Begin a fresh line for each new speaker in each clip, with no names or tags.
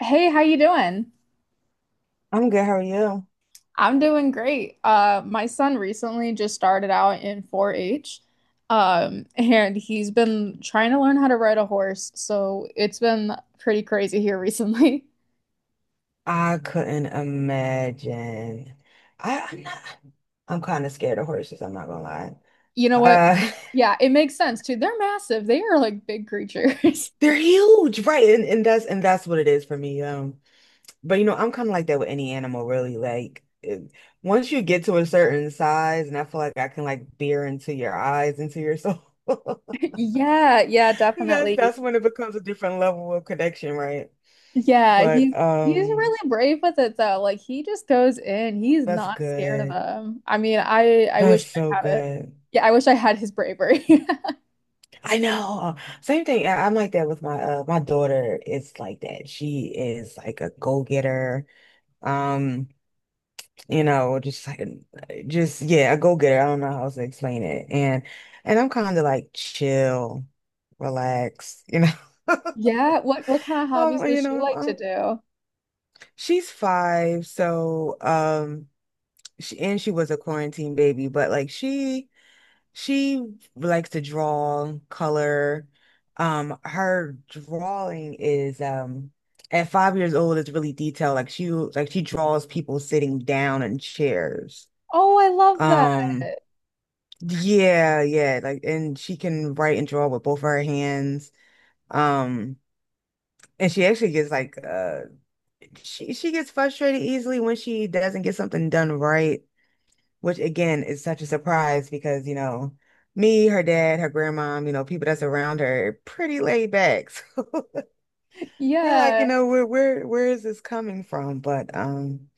Hey, how you doing?
I'm good. How are you?
I'm doing great. My son recently just started out in 4-H, and he's been trying to learn how to ride a horse, so it's been pretty crazy here recently.
I couldn't imagine. I'm not, I'm kind of scared of horses. I'm not gonna lie.
You know what?
Uh,
Yeah, it makes sense too. They're massive. They are like big creatures.
they're huge, right? And that's what it is for me. But I'm kind of like that with any animal, really. Like, once you get to a certain size, and I feel like I can like peer into your eyes, into your soul.
Yeah, yeah,
That's
definitely.
that's when it becomes a different level of connection, right?
Yeah,
But
he's really brave with it though. Like he just goes in. He's
that's
not scared of
good.
them. I mean, I wish
That's
I
so
had it.
good.
Yeah, I wish I had his bravery.
I know. Same thing. I'm like that with my daughter is like that. She is like a go-getter. Um, just like just yeah, a go-getter. I don't know how else to explain it. And I'm kind of like chill, relax.
Yeah, what kind of hobbies
Um, you
does she
know,
like to
um,
do?
she's five, so she was a quarantine baby, but like she likes to draw, color. Her drawing is at 5 years old, it's really detailed. Like she draws people sitting down in chairs.
Oh, I love that.
Um, yeah, yeah. Like, and she can write and draw with both of her hands. Um, and she actually gets like she gets frustrated easily when she doesn't get something done right, which again is such a surprise because, me, her dad, her grandmom, people that's around her, are pretty laid back. So we're like,
Yeah.
where is this coming from? But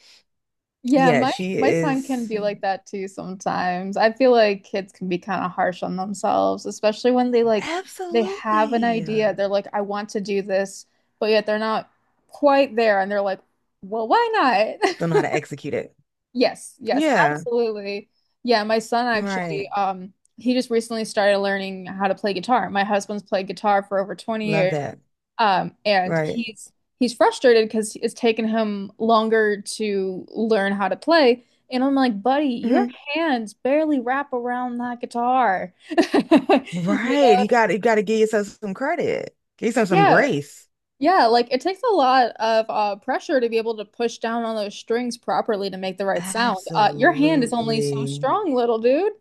Yeah,
yeah,
my
she
my son can
is
be like that too sometimes. I feel like kids can be kind of harsh on themselves, especially when they like they have an
absolutely.
idea. They're like, I want to do this, but yet they're not quite there and they're like, well, why
Don't know how
not?
to execute it.
Yes, yes,
Yeah,
absolutely. Yeah, my son actually
right.
he just recently started learning how to play guitar. My husband's played guitar for over 20
Love
years.
that.
And
Right.
he's frustrated because it's taken him longer to learn how to play. And I'm like, buddy, your
Hmm.
hands barely wrap around that guitar. You
Right.
know?
You got to give yourself some credit. Give yourself some
Yeah.
grace.
Yeah, like it takes a lot of pressure to be able to push down on those strings properly to make the right sound. Your hand is only so
Absolutely.
strong, little dude.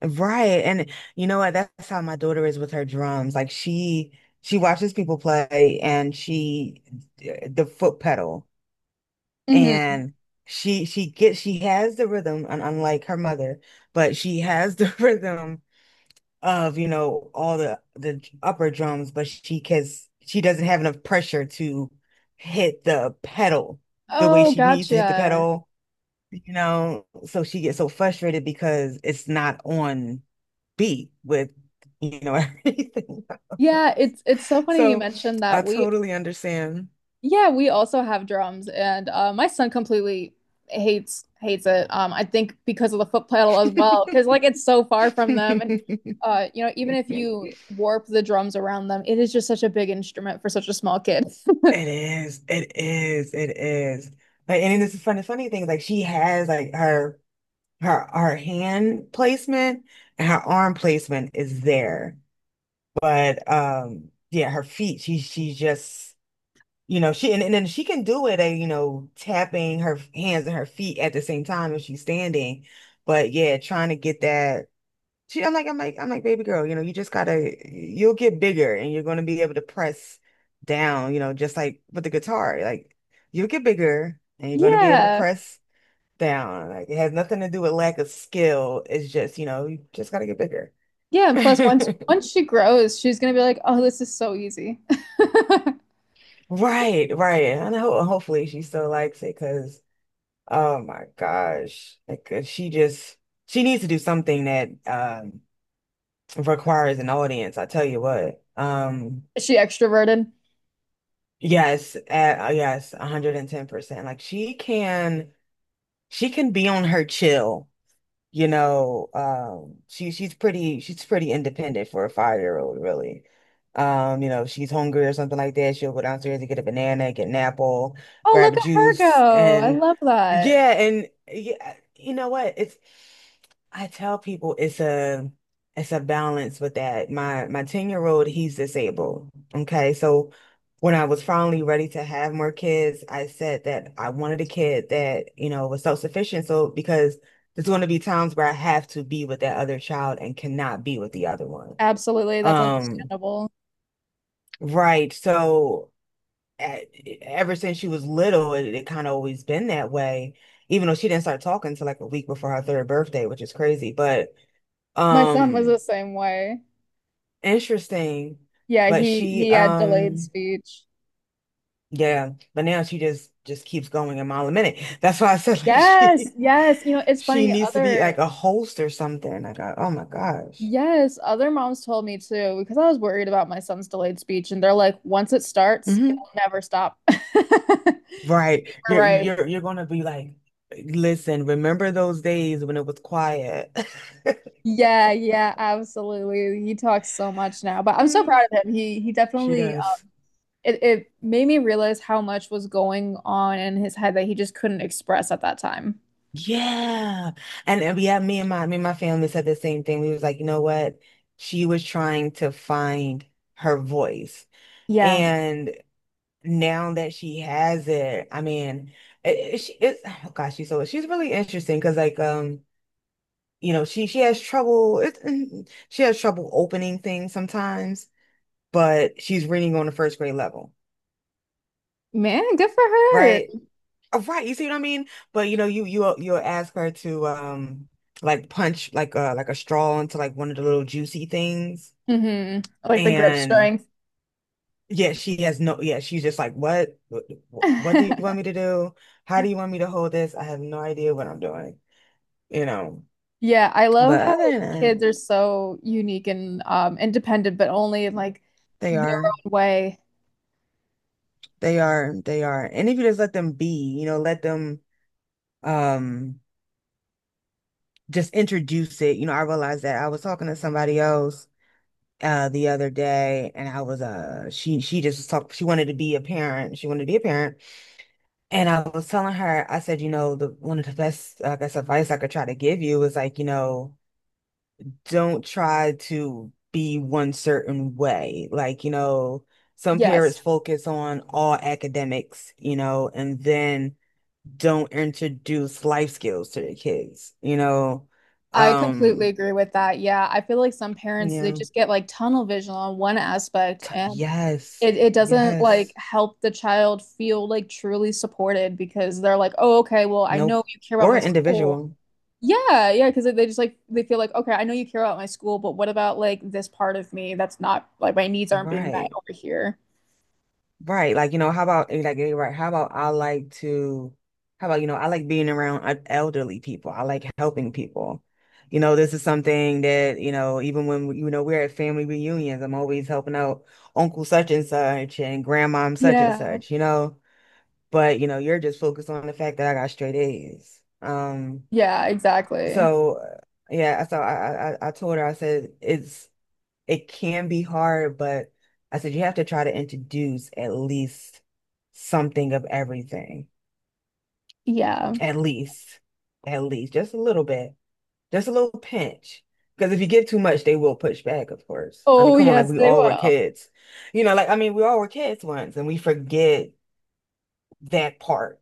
Right. And you know what? That's how my daughter is with her drums. Like she watches people play, and she the foot pedal,
Hmm.
and she has the rhythm, and unlike her mother, but she has the rhythm of, all the upper drums, but she cause she doesn't have enough pressure to hit the pedal the way
Oh,
she needs to hit the
gotcha.
pedal, so she gets so frustrated because it's not on beat with, everything.
Yeah, it's so funny you
So
mentioned
I
that. We—
totally understand.
yeah, we also have drums, and my son completely hates it. I think because of the foot pedal as well, because like it's so far from them, and you know, even if you warp the drums around them, it is just such a big instrument for such a small kid.
It is, it is, it is. Like, and this is funny, funny thing, like she has like her hand placement and her arm placement is there. But yeah, her feet, she just she, and then she can do it, you know, tapping her hands and her feet at the same time if she's standing. But yeah, trying to get that. I'm like, baby girl, you'll get bigger and you're gonna be able to press down, you know, just like with the guitar. Like, you'll get bigger and you're gonna be able to
Yeah,
press down. Like, it has nothing to do with lack of skill. It's just, you know, you just gotta get bigger.
yeah, and plus once once she grows, she's gonna be like, oh, this is so easy.
Right, right. And hopefully she still likes it, because oh my gosh. She needs to do something that requires an audience, I tell you what.
Is she extroverted?
Yes, yes, 110%. Like she can be on her chill, she's pretty independent for a 5-year old, really. If she's hungry or something like that, she'll go downstairs and get a banana, get an apple,
Oh,
grab
look
a
at her
juice,
go! I
and
love that.
yeah, and yeah, you know what? It's I tell people it's a balance with that. My 10-year-old, he's disabled. Okay. So when I was finally ready to have more kids, I said that I wanted a kid that, you know, was self-sufficient. So because there's going to be times where I have to be with that other child and cannot be with the other one.
Absolutely, that's
Um,
understandable.
right. So ever since she was little, it kind of always been that way, even though she didn't start talking until like a week before her third birthday, which is crazy. But
My son was the
um,
same way.
interesting.
Yeah,
But
he
she,
he had delayed
um,
speech.
yeah. But now she just keeps going a mile a minute. That's why I said, like,
Yes,
she
yes. You know, it's
she
funny.
needs to be like
Other—
a host or something. Like, oh my gosh.
yes, other moms told me too because I was worried about my son's delayed speech, and they're like, once it starts, it
Mhm.
will never stop.
Right.
You're
You're
right.
you're you're gonna be like, listen, remember those days when it was quiet?
Yeah, yeah, absolutely. He talks so much now, but I'm so proud of him. He
She
definitely
does.
it, it made me realize how much was going on in his head that he just couldn't express at that time.
Yeah. And yeah, me and my family said the same thing. We was like, you know what? She was trying to find her voice.
Yeah.
And now that she has it, I mean, it- she it's oh gosh, she's really interesting because, like, you know, she has trouble, mm-hmm, she has trouble opening things sometimes, but she's reading on the first grade level,
Man, good for her.
right? Oh, right, you see what I mean? But you'll ask her to like punch like a straw into like one of the little juicy things,
Hmm. Like the grip
and
strength.
yeah, she has no yeah, she's just like, what do you want me to do? How do you want me to hold this? I have no idea what I'm doing, you know.
Yeah, I love
But
how
other than that,
kids are so unique and independent, but only in like
they
their
are,
own way.
they are, they are, and if you just let them be, you know, let them um. just introduce it. You know, I realized that I was talking to somebody else the other day, and I was she just was talk she wanted to be a parent. She wanted to be a parent. And I was telling her, I said, you know, the one of the best, I guess, advice I could try to give you is, like, don't try to be one certain way. Like, some parents
Yes,
focus on all academics, you know, and then don't introduce life skills to their kids.
I completely
Um,
agree with that. Yeah, I feel like some parents they
yeah.
just get like tunnel vision on one aspect, and
Yes,
it doesn't like
yes.
help the child feel like truly supported because they're like, oh, okay, well, I
No,
know you care about
or
my
an
school.
individual.
Yeah, yeah, because they just like they feel like, okay, I know you care about my school, but what about like this part of me that's not like my needs aren't being met
Right,
over here?
right. Like, how about like, right? How about, I like being around, elderly people. I like helping people. You know, this is something that, you know, even when we're at family reunions, I'm always helping out Uncle such and such and Grandmom such and
Yeah.
such. But, you're just focused on the fact that I got straight A's. Um,
Yeah, exactly.
so uh, yeah, so I told her, I said, it can be hard, but I said you have to try to introduce at least something of everything.
Yeah.
At least, at least, just a little bit, just a little pinch. Because if you give too much, they will push back, of course. I mean,
Oh,
come on, like
yes,
we
they
all were
will.
kids. You know, like I mean, we all were kids once and we forget that part.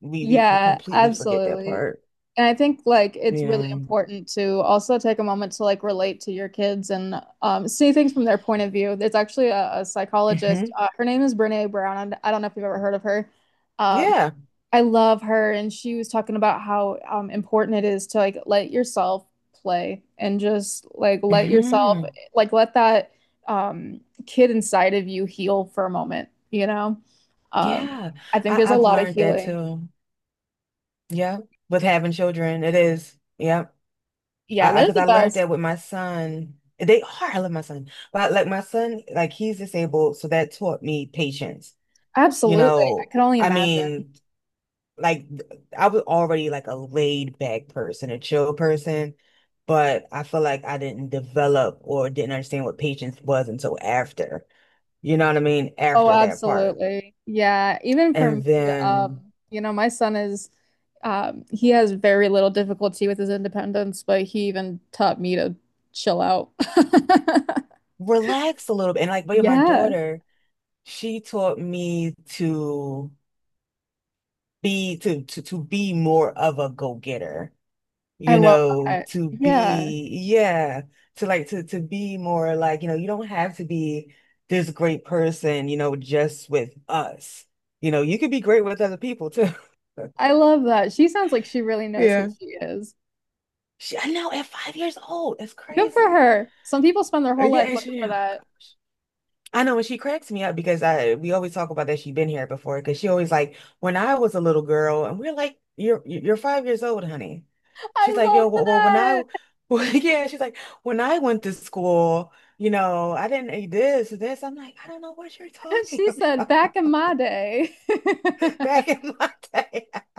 We
Yeah,
completely forget that
absolutely.
part.
And I think like it's
You
really
know.
important to also take a moment to like relate to your kids and see things from their point of view. There's actually a psychologist.
Hmm.
Her name is Brene Brown. I don't know if you've ever heard of her. Um,
Yeah.
I love her, and she was talking about how important it is to like let yourself play and just like let yourself
Hmm.
like let that um, kid inside of you heal for a moment. Um,
Yeah.
I think
I,
there's a
I've
lot of
learned that
healing.
too. Yeah, with having children, it is. Yeah,
Yeah, they're
because
the
I learned
best.
that with my son. They are. I love my son, but like my son, like he's disabled, so that taught me patience. You
Absolutely, I
know,
can only
I
imagine.
mean, like, I was already like a laid back person, a chill person, but I feel like I didn't develop or didn't understand what patience was until after. You know what I mean?
Oh,
After that part,
absolutely. Yeah, even for me,
and then
you know, my son is he has very little difficulty with his independence, but he even taught me to chill out.
relax a little bit, and like, but yeah, my
Yeah,
daughter. She taught me to be more of a go-getter,
I
you
love
know,
that.
to
Yeah.
be yeah, to be more like, you know, you don't have to be this great person, you know, just with us. You know, you could be great with other people too.
I love that. She sounds like she really knows who
Yeah.
she is.
I know, at 5 years old, that's
Good for
crazy.
her. Some people spend their whole
Yeah,
life
and
looking for
oh
that.
gosh. I know, and she cracks me up because I we always talk about that she's been here before, because she always like when I was a little girl, and we're like, you're 5 years old, honey. She's
I
like, yo,
love
well, well when I
that.
well, yeah, she's like, when I went to school, I didn't eat this or this. I'm like, I don't know what you're talking
She said,
about.
back in my day.
Back in my day.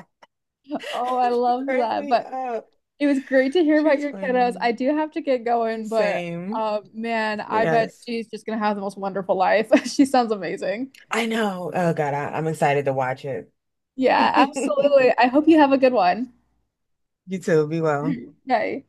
Oh, I
She
love
cracks
that.
me
But
up.
it was great to hear about
She's
your kiddos.
funny.
I do have to get going, but
Same.
man, I bet
Yes.
she's just gonna have the most wonderful life. She sounds amazing.
I know. Oh God, I'm excited to watch it.
Yeah, absolutely. I hope you have a good one.
You too. Be well.
Bye.